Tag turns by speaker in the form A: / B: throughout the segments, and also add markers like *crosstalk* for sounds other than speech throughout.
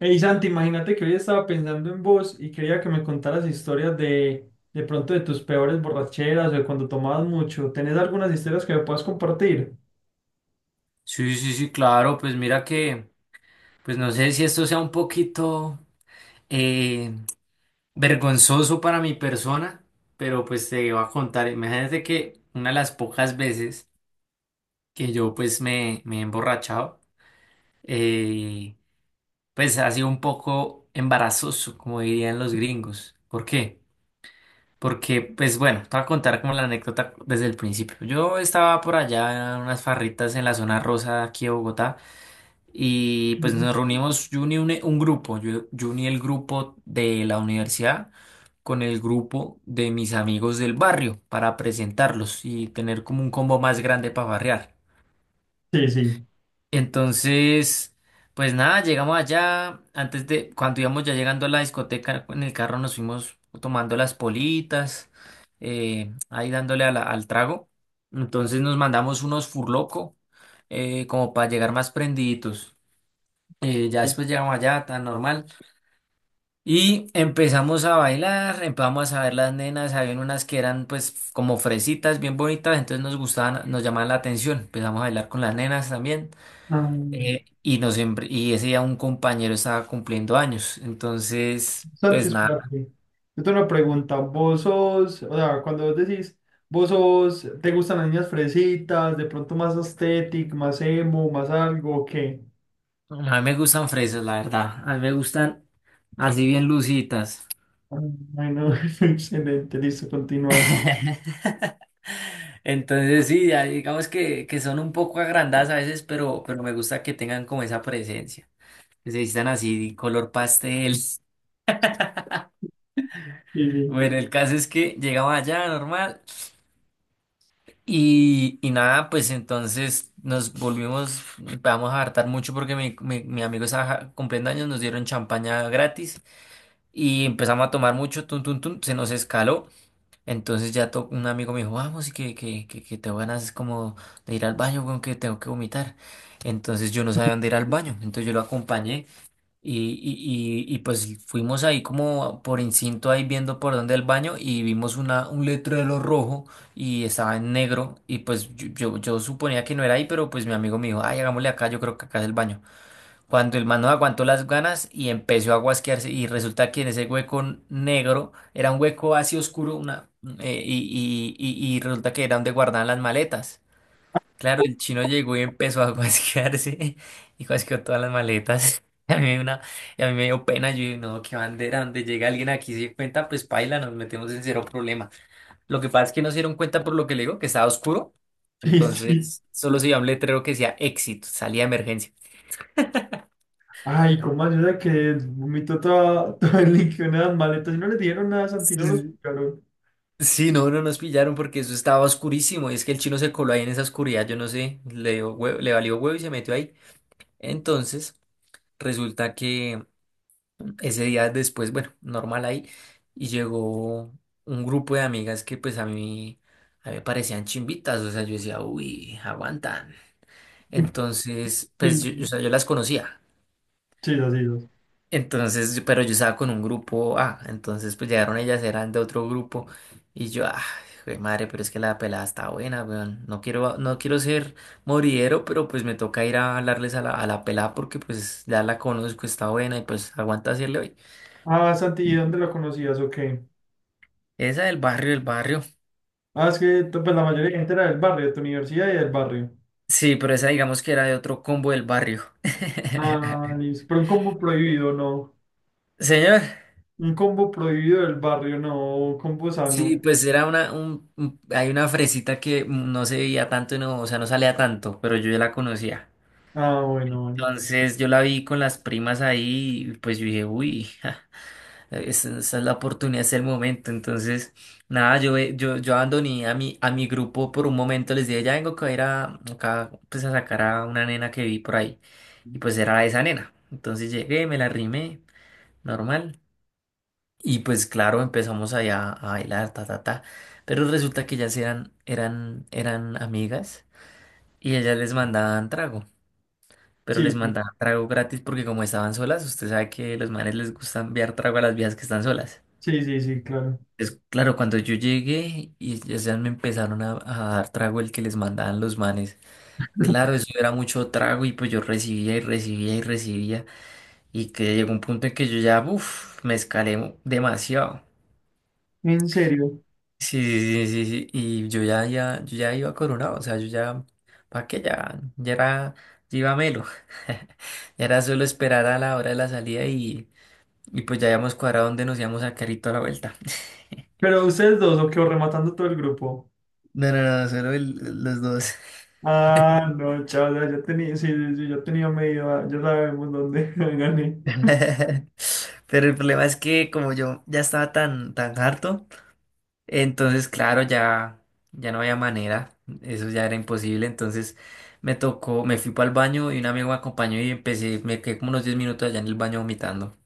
A: Hey Santi, imagínate que hoy estaba pensando en vos y quería que me contaras historias de pronto de tus peores borracheras o de cuando tomabas mucho. ¿Tenés algunas historias que me puedas compartir?
B: Sí, sí, sí, claro, pues mira que, pues no sé si esto sea un poquito eh, vergonzoso para mi persona, pero pues te iba a contar, imagínate que una de las pocas veces que yo pues me he emborrachado, eh, pues ha sido un poco embarazoso, como dirían los gringos. ¿Por qué? Porque, pues bueno, te voy a contar como la anécdota desde el principio. Yo estaba por allá en unas farritas en la zona rosa aquí de Bogotá. Y pues
A: Mm.
B: nos reunimos, yo uní un grupo, yo uní el grupo de la universidad con el grupo de mis amigos del barrio para presentarlos y tener como un combo más grande para barrear.
A: Sí, sí.
B: Entonces, pues nada, llegamos allá, cuando íbamos ya llegando a la discoteca, en el carro nos fuimos tomando las politas, ahí dándole a al trago. Entonces nos mandamos unos furloco, como para llegar más prendiditos. Ya después llegamos allá, tan normal. Y empezamos a bailar, empezamos a ver las nenas. Habían unas que eran pues como fresitas, bien bonitas, entonces nos gustaban, nos llamaban la atención. Empezamos a bailar con las nenas también.
A: Ah,
B: Y ese día un compañero estaba cumpliendo años. Entonces, pues
A: Santis
B: nada,
A: Prati, yo tengo una pregunta. Vos sos, o sea, cuando vos decís, Vos sos, ¿te gustan las niñas fresitas, de pronto más aesthetic, más emo, más algo, o qué?
B: a mí me gustan fresas, la verdad. A mí me gustan así bien lucitas.
A: Ah, bueno, *laughs* excelente, listo, continúa.
B: *laughs* Entonces sí, ya digamos que, son un poco agrandadas a veces, pero me gusta que tengan como esa presencia. Que se vistan así color pastel. *laughs*
A: Sí, sí,
B: Bueno, el caso es que llegaba allá normal y nada, pues entonces nos volvimos, empezamos a hartar mucho porque mi amigo estaba ja, cumpliendo años, nos dieron champaña gratis y empezamos a tomar mucho, tun, tun, tun, se nos escaló. Entonces un amigo me dijo, vamos, y que tengo ganas como de ir al baño, con que tengo que vomitar. Entonces yo no sabía dónde ir al baño, entonces yo lo acompañé. Y pues fuimos ahí como por instinto ahí viendo por dónde el baño y vimos un letrero rojo y estaba en negro y pues yo suponía que no era ahí, pero pues mi amigo me dijo, ay, hagámosle acá, yo creo que acá es el baño. Cuando el man no aguantó las ganas y empezó a guasquearse y resulta que en ese hueco negro era un hueco así oscuro una, eh, y, y, y resulta que era donde guardaban las maletas. Claro, el chino llegó y empezó a guasquearse *laughs* y guasqueó todas las maletas. *laughs* Y a mí, me dio una, y a mí me dio pena, yo dije, no, qué bandera, donde llega alguien aquí y se dio cuenta, pues paila, nos metemos en cero problema. Lo que pasa es que no se dieron cuenta por lo que le digo, que estaba oscuro,
A: sí, sí.
B: entonces solo se veía un letrero que decía éxito, salida de emergencia.
A: Ay, cómo ayuda que vomitó toda, *laughs* todo el líquido en las maletas y no le dieron nada, a Santi, no los
B: Sí.
A: buscaron.
B: Sí, no, no nos pillaron porque eso estaba oscurísimo y es que el chino se coló ahí en esa oscuridad, yo no sé, le valió huevo y se metió ahí. Entonces, resulta que... Ese día después, bueno, normal ahí, y llegó un grupo de amigas que pues a mí, me parecían chimbitas, o sea, yo decía, uy, aguantan. Entonces,
A: Sí,
B: pues yo, o
A: sí,
B: sea, yo las conocía.
A: sí, sí, sí.
B: Entonces, pero yo estaba con un grupo A, entonces pues llegaron ellas, eran de otro grupo, y yo, ah, jue madre, pero es que la pelada está buena, weón. No quiero, no quiero ser moridero, pero pues me toca ir a hablarles a la pelada porque pues ya la conozco, está buena y pues aguanta hacerle hoy.
A: Ah, Santi, ¿y dónde lo conocías o qué?
B: Esa del barrio, el barrio.
A: Ah, es que pues, la mayoría de gente era del barrio, de tu universidad y del barrio.
B: Sí, pero esa digamos que era de otro combo del barrio.
A: Ah,
B: *laughs*
A: listo. Pero un combo prohibido, no.
B: Señor.
A: Un combo prohibido del barrio, no. Un combo sano.
B: Sí, pues era una, un- hay una fresita que no se veía tanto, y no, o sea, no salía tanto, pero yo ya la conocía.
A: Ah, bueno, bueno.
B: Entonces yo la vi con las primas ahí y pues yo dije, uy, ja, esa es la oportunidad, es el momento. Entonces, nada, yo abandoné a mi grupo por un momento, les dije, ya vengo que voy a ir acá, pues a sacar a una nena que vi por ahí. Y pues era esa nena. Entonces llegué, me la rimé, normal. Y pues claro, empezamos allá a bailar, ta, ta, ta. Pero resulta que ellas eran amigas y ellas les mandaban trago. Pero les
A: Sí, sí,
B: mandaban trago gratis porque como estaban solas, usted sabe que los manes les gusta enviar trago a las viejas que están solas.
A: sí, sí, sí, claro.
B: Entonces, claro, cuando yo llegué y ellas ya me empezaron a dar trago el que les mandaban los manes. Claro, eso era mucho trago y pues yo recibía y recibía y recibía. Y que llegó un punto en que yo ya, uff, me escalé demasiado.
A: ¿En serio?
B: Sí, sí, sí, sí, y yo ya, ya, yo ya iba coronado, o sea, yo ya, ¿para qué? Ya era, ya iba melo, *laughs* ya era solo esperar a la hora de la salida y, pues ya habíamos cuadrado dónde nos íbamos a carito a la vuelta. *laughs*
A: Pero ustedes dos, o qué, ¿o rematando todo el grupo?
B: No, no, no, solo los dos.
A: Ah, no, chaval, ya tenía, sí, sí, sí, ya tenía medio, ah, ya sabemos dónde *laughs* gané.
B: *laughs* Pero el problema es que como yo ya estaba tan, tan harto, entonces, claro, ya no había manera, eso ya era imposible. Entonces me tocó, me fui para el baño y un amigo me acompañó y me quedé como unos 10 minutos allá en el baño vomitando.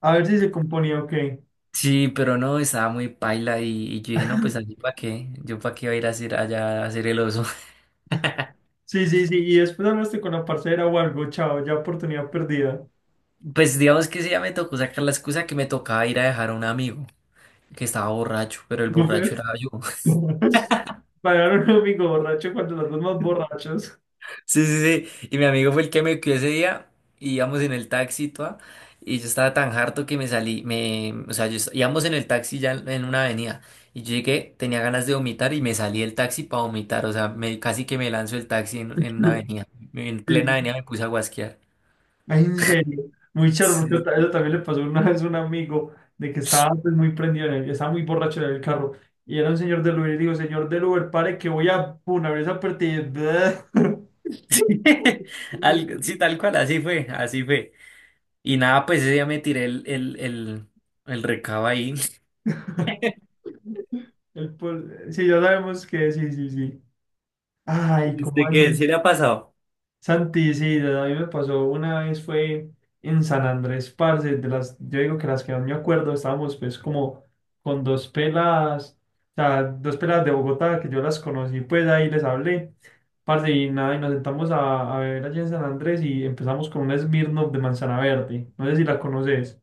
A: ¿A ver si se componía o qué?
B: Sí, pero no, estaba muy paila y yo dije, no, pues allí para qué, yo para qué iba a ir a hacer allá a hacer el oso. *laughs*
A: Sí, sí, sí, y después hablaste con la parcera o algo, chao, ya oportunidad perdida.
B: Pues digamos que sí, ya me tocó sacar la excusa que me tocaba ir a dejar a un amigo que estaba borracho, pero el
A: No
B: borracho
A: puede.
B: era yo.
A: *laughs* Pagar a un amigo borracho cuando los dos más borrachos.
B: Sí, sí, sí. Y mi amigo fue el que me cuidó ese día. Y íbamos en el taxi, toda, y yo estaba tan harto que me salí. O sea, íbamos en el taxi ya en una avenida. Y yo llegué, tenía ganas de vomitar y me salí del taxi para vomitar. O sea, casi que me lanzo el taxi en una
A: *laughs*
B: avenida. En plena
A: Sí,
B: avenida me puse a guasquear.
A: ay, en serio, muy charro, porque
B: Sí,
A: eso también le pasó una vez a un amigo de que estaba pues, muy prendido en estaba muy borracho en el carro. Y era un señor del Uber, y digo, señor del Uber, pare que voy a una vez a partir. *laughs*
B: *laughs*
A: Mientras-
B: Sí, tal cual, así fue, así fue. Y nada, pues ese día me tiré el recabo ahí. *laughs*
A: *laughs* Sí, ya sabemos que sí, sí, sí. Ay,
B: ¿Y usted
A: ¿cómo así?
B: qué? ¿Sí le ha pasado?
A: Santi, sí, a mí me pasó una vez fue en San Andrés, parce, de las, yo digo que las que más me acuerdo, estábamos pues como con dos pelas, o sea, dos pelas de Bogotá que yo las conocí, pues ahí les hablé, parce, y nada, y nos sentamos a beber allí en San Andrés y empezamos con un Smirnoff de manzana verde, no sé si la conoces.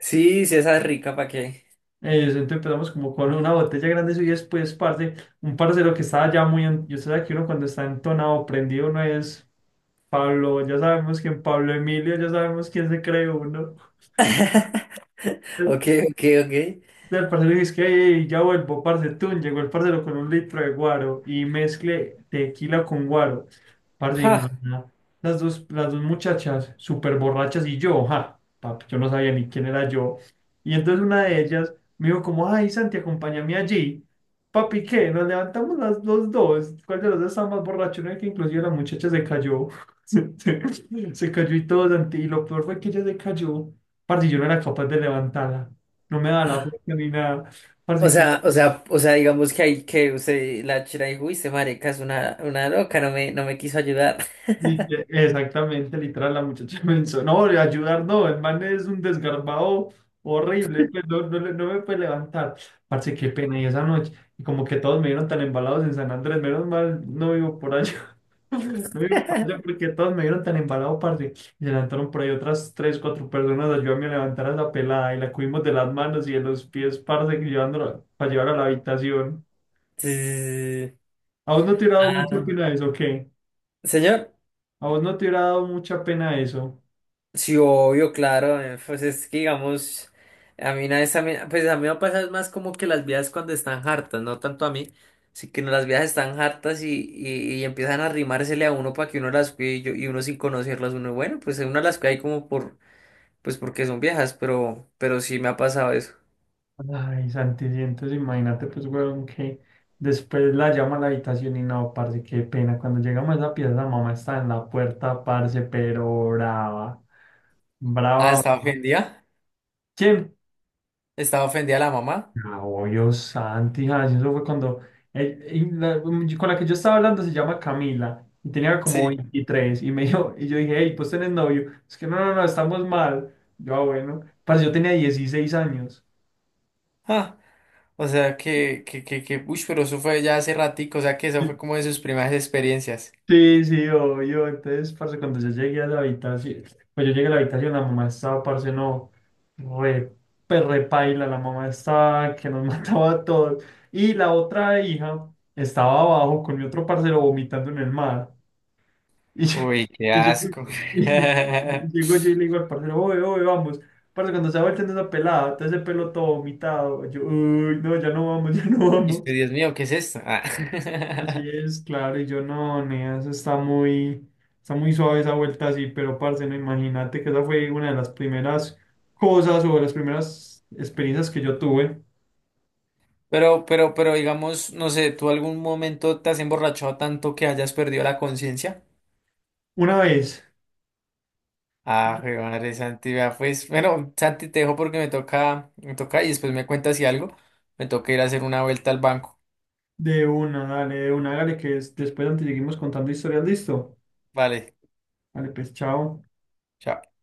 B: Sí, sí, esa es rica, ¿para qué?
A: Entonces empezamos como con una botella grande eso, y después, parce, un parcero que estaba ya muy, yo sé que uno cuando está entonado, prendido, no es Pablo, ya sabemos quién Pablo Emilio, ya sabemos quién se cree uno.
B: Ok, ok, ok.
A: El parcero dice que: "Ey, ya vuelvo, parce", tun, llegó el parcero con un litro de guaro y mezcle tequila con guaro. Parce, y no,
B: Ja.
A: no. Las dos muchachas, súper borrachas y yo, ja, papi, yo no sabía ni quién era yo. Y entonces una de ellas me dijo como, ay, Santi, acompáñame allí. Papi, ¿qué? Nos levantamos los dos. ¿Cuál de los dos estaba más borracho? No, que inclusive la muchacha se cayó. *laughs* Se cayó y todo, Santi. Y lo peor fue que ella se cayó. Parce, yo no era capaz de levantarla, no me da la fuerza ni nada.
B: O
A: Parce que
B: sea, o sea, o sea, digamos que hay que usted la chira y uy, se marica es una, loca, no me quiso ayudar. *laughs*
A: exactamente, literal, la muchacha *laughs* me hizo, no, de ayudar no, el man es un desgarbado horrible, pues no, no, no me puede levantar. Parce, qué pena, y esa noche, y como que todos me vieron tan embalados en San Andrés, menos mal, no vivo por allá, *laughs* no vivo por allá porque todos me vieron tan embalado, parce, y se levantaron por ahí otras tres, cuatro personas, a ayudarme a levantar a la pelada, y la cubrimos de las manos y de los pies, parce, llevándola para llevar a la habitación.
B: Sí, sí, sí.
A: ¿A vos no te ha dado mucho pena de eso, o qué?
B: Sí. Señor,
A: A vos no te hubiera dado mucha pena eso.
B: sí, obvio, claro, pues es que digamos, a mí una vez también, pues a mí me pasa es más como que las viejas cuando están hartas, no tanto a mí, sí que no, las viejas están hartas y, y empiezan a arrimársele a uno para que uno las cuide y, y uno sin conocerlas, uno, bueno, pues uno las cuida ahí como por, pues porque son viejas, pero, sí me ha pasado eso.
A: Ay, Santi, sí, entonces imagínate, pues, weón, que después la llama a la habitación y no, parce, qué pena. Cuando llegamos a esa pieza, la mamá está en la puerta, parce, pero brava.
B: Ah,
A: Brava.
B: ¿estaba ofendida?
A: ¿Quién?
B: ¿Estaba ofendida la mamá?
A: Ah, obvio, Santi, ay, eso fue cuando con la que yo estaba hablando se llama Camila y tenía como
B: Sí.
A: 23 y me *laughs* dijo, y yo dije, hey, pues tenés novio. Es que no, no, no, estamos mal. Yo, ah, bueno, parce, yo tenía 16 años.
B: Ah, o sea que, uy, pero eso fue ya hace ratico, o sea que eso fue como de sus primeras experiencias.
A: Sí, sí, obvio. Entonces, parce, cuando yo llegué a la habitación, pues yo llegué a la habitación, la mamá estaba, parce, no, re, pues, repaila, la mamá estaba que nos *laughs* mataba a todos. Y la otra hija estaba abajo con mi otro parcero vomitando en el mar. *laughs*
B: Uy, qué
A: Y yo, y yo-
B: asco.
A: y- y llego yo y
B: *laughs*
A: le digo al parcero, oye, oye, vamos. Parce, cuando se va volteando esa pelada, todo ese pelo todo vomitado, yo, uy, no, ya no vamos, *laughs* ya no
B: Y usted,
A: vamos.
B: Dios mío, ¿qué es esto? Ah.
A: Así
B: *laughs*
A: es, claro, y yo no, nea, está muy suave esa vuelta así, pero parce, no imagínate que esa fue una de las primeras experiencias que yo tuve.
B: Pero digamos, no sé, ¿tú algún momento te has emborrachado tanto que hayas perdido la conciencia?
A: Una vez,
B: Ah, jue madre Santi, vea, pues, bueno, Santi, te dejo porque me toca y después me cuentas si algo, me toca ir a hacer una vuelta al banco.
A: de una, dale, después antes seguimos contando historias, listo.
B: Vale,
A: Dale, pues, chao.
B: chao.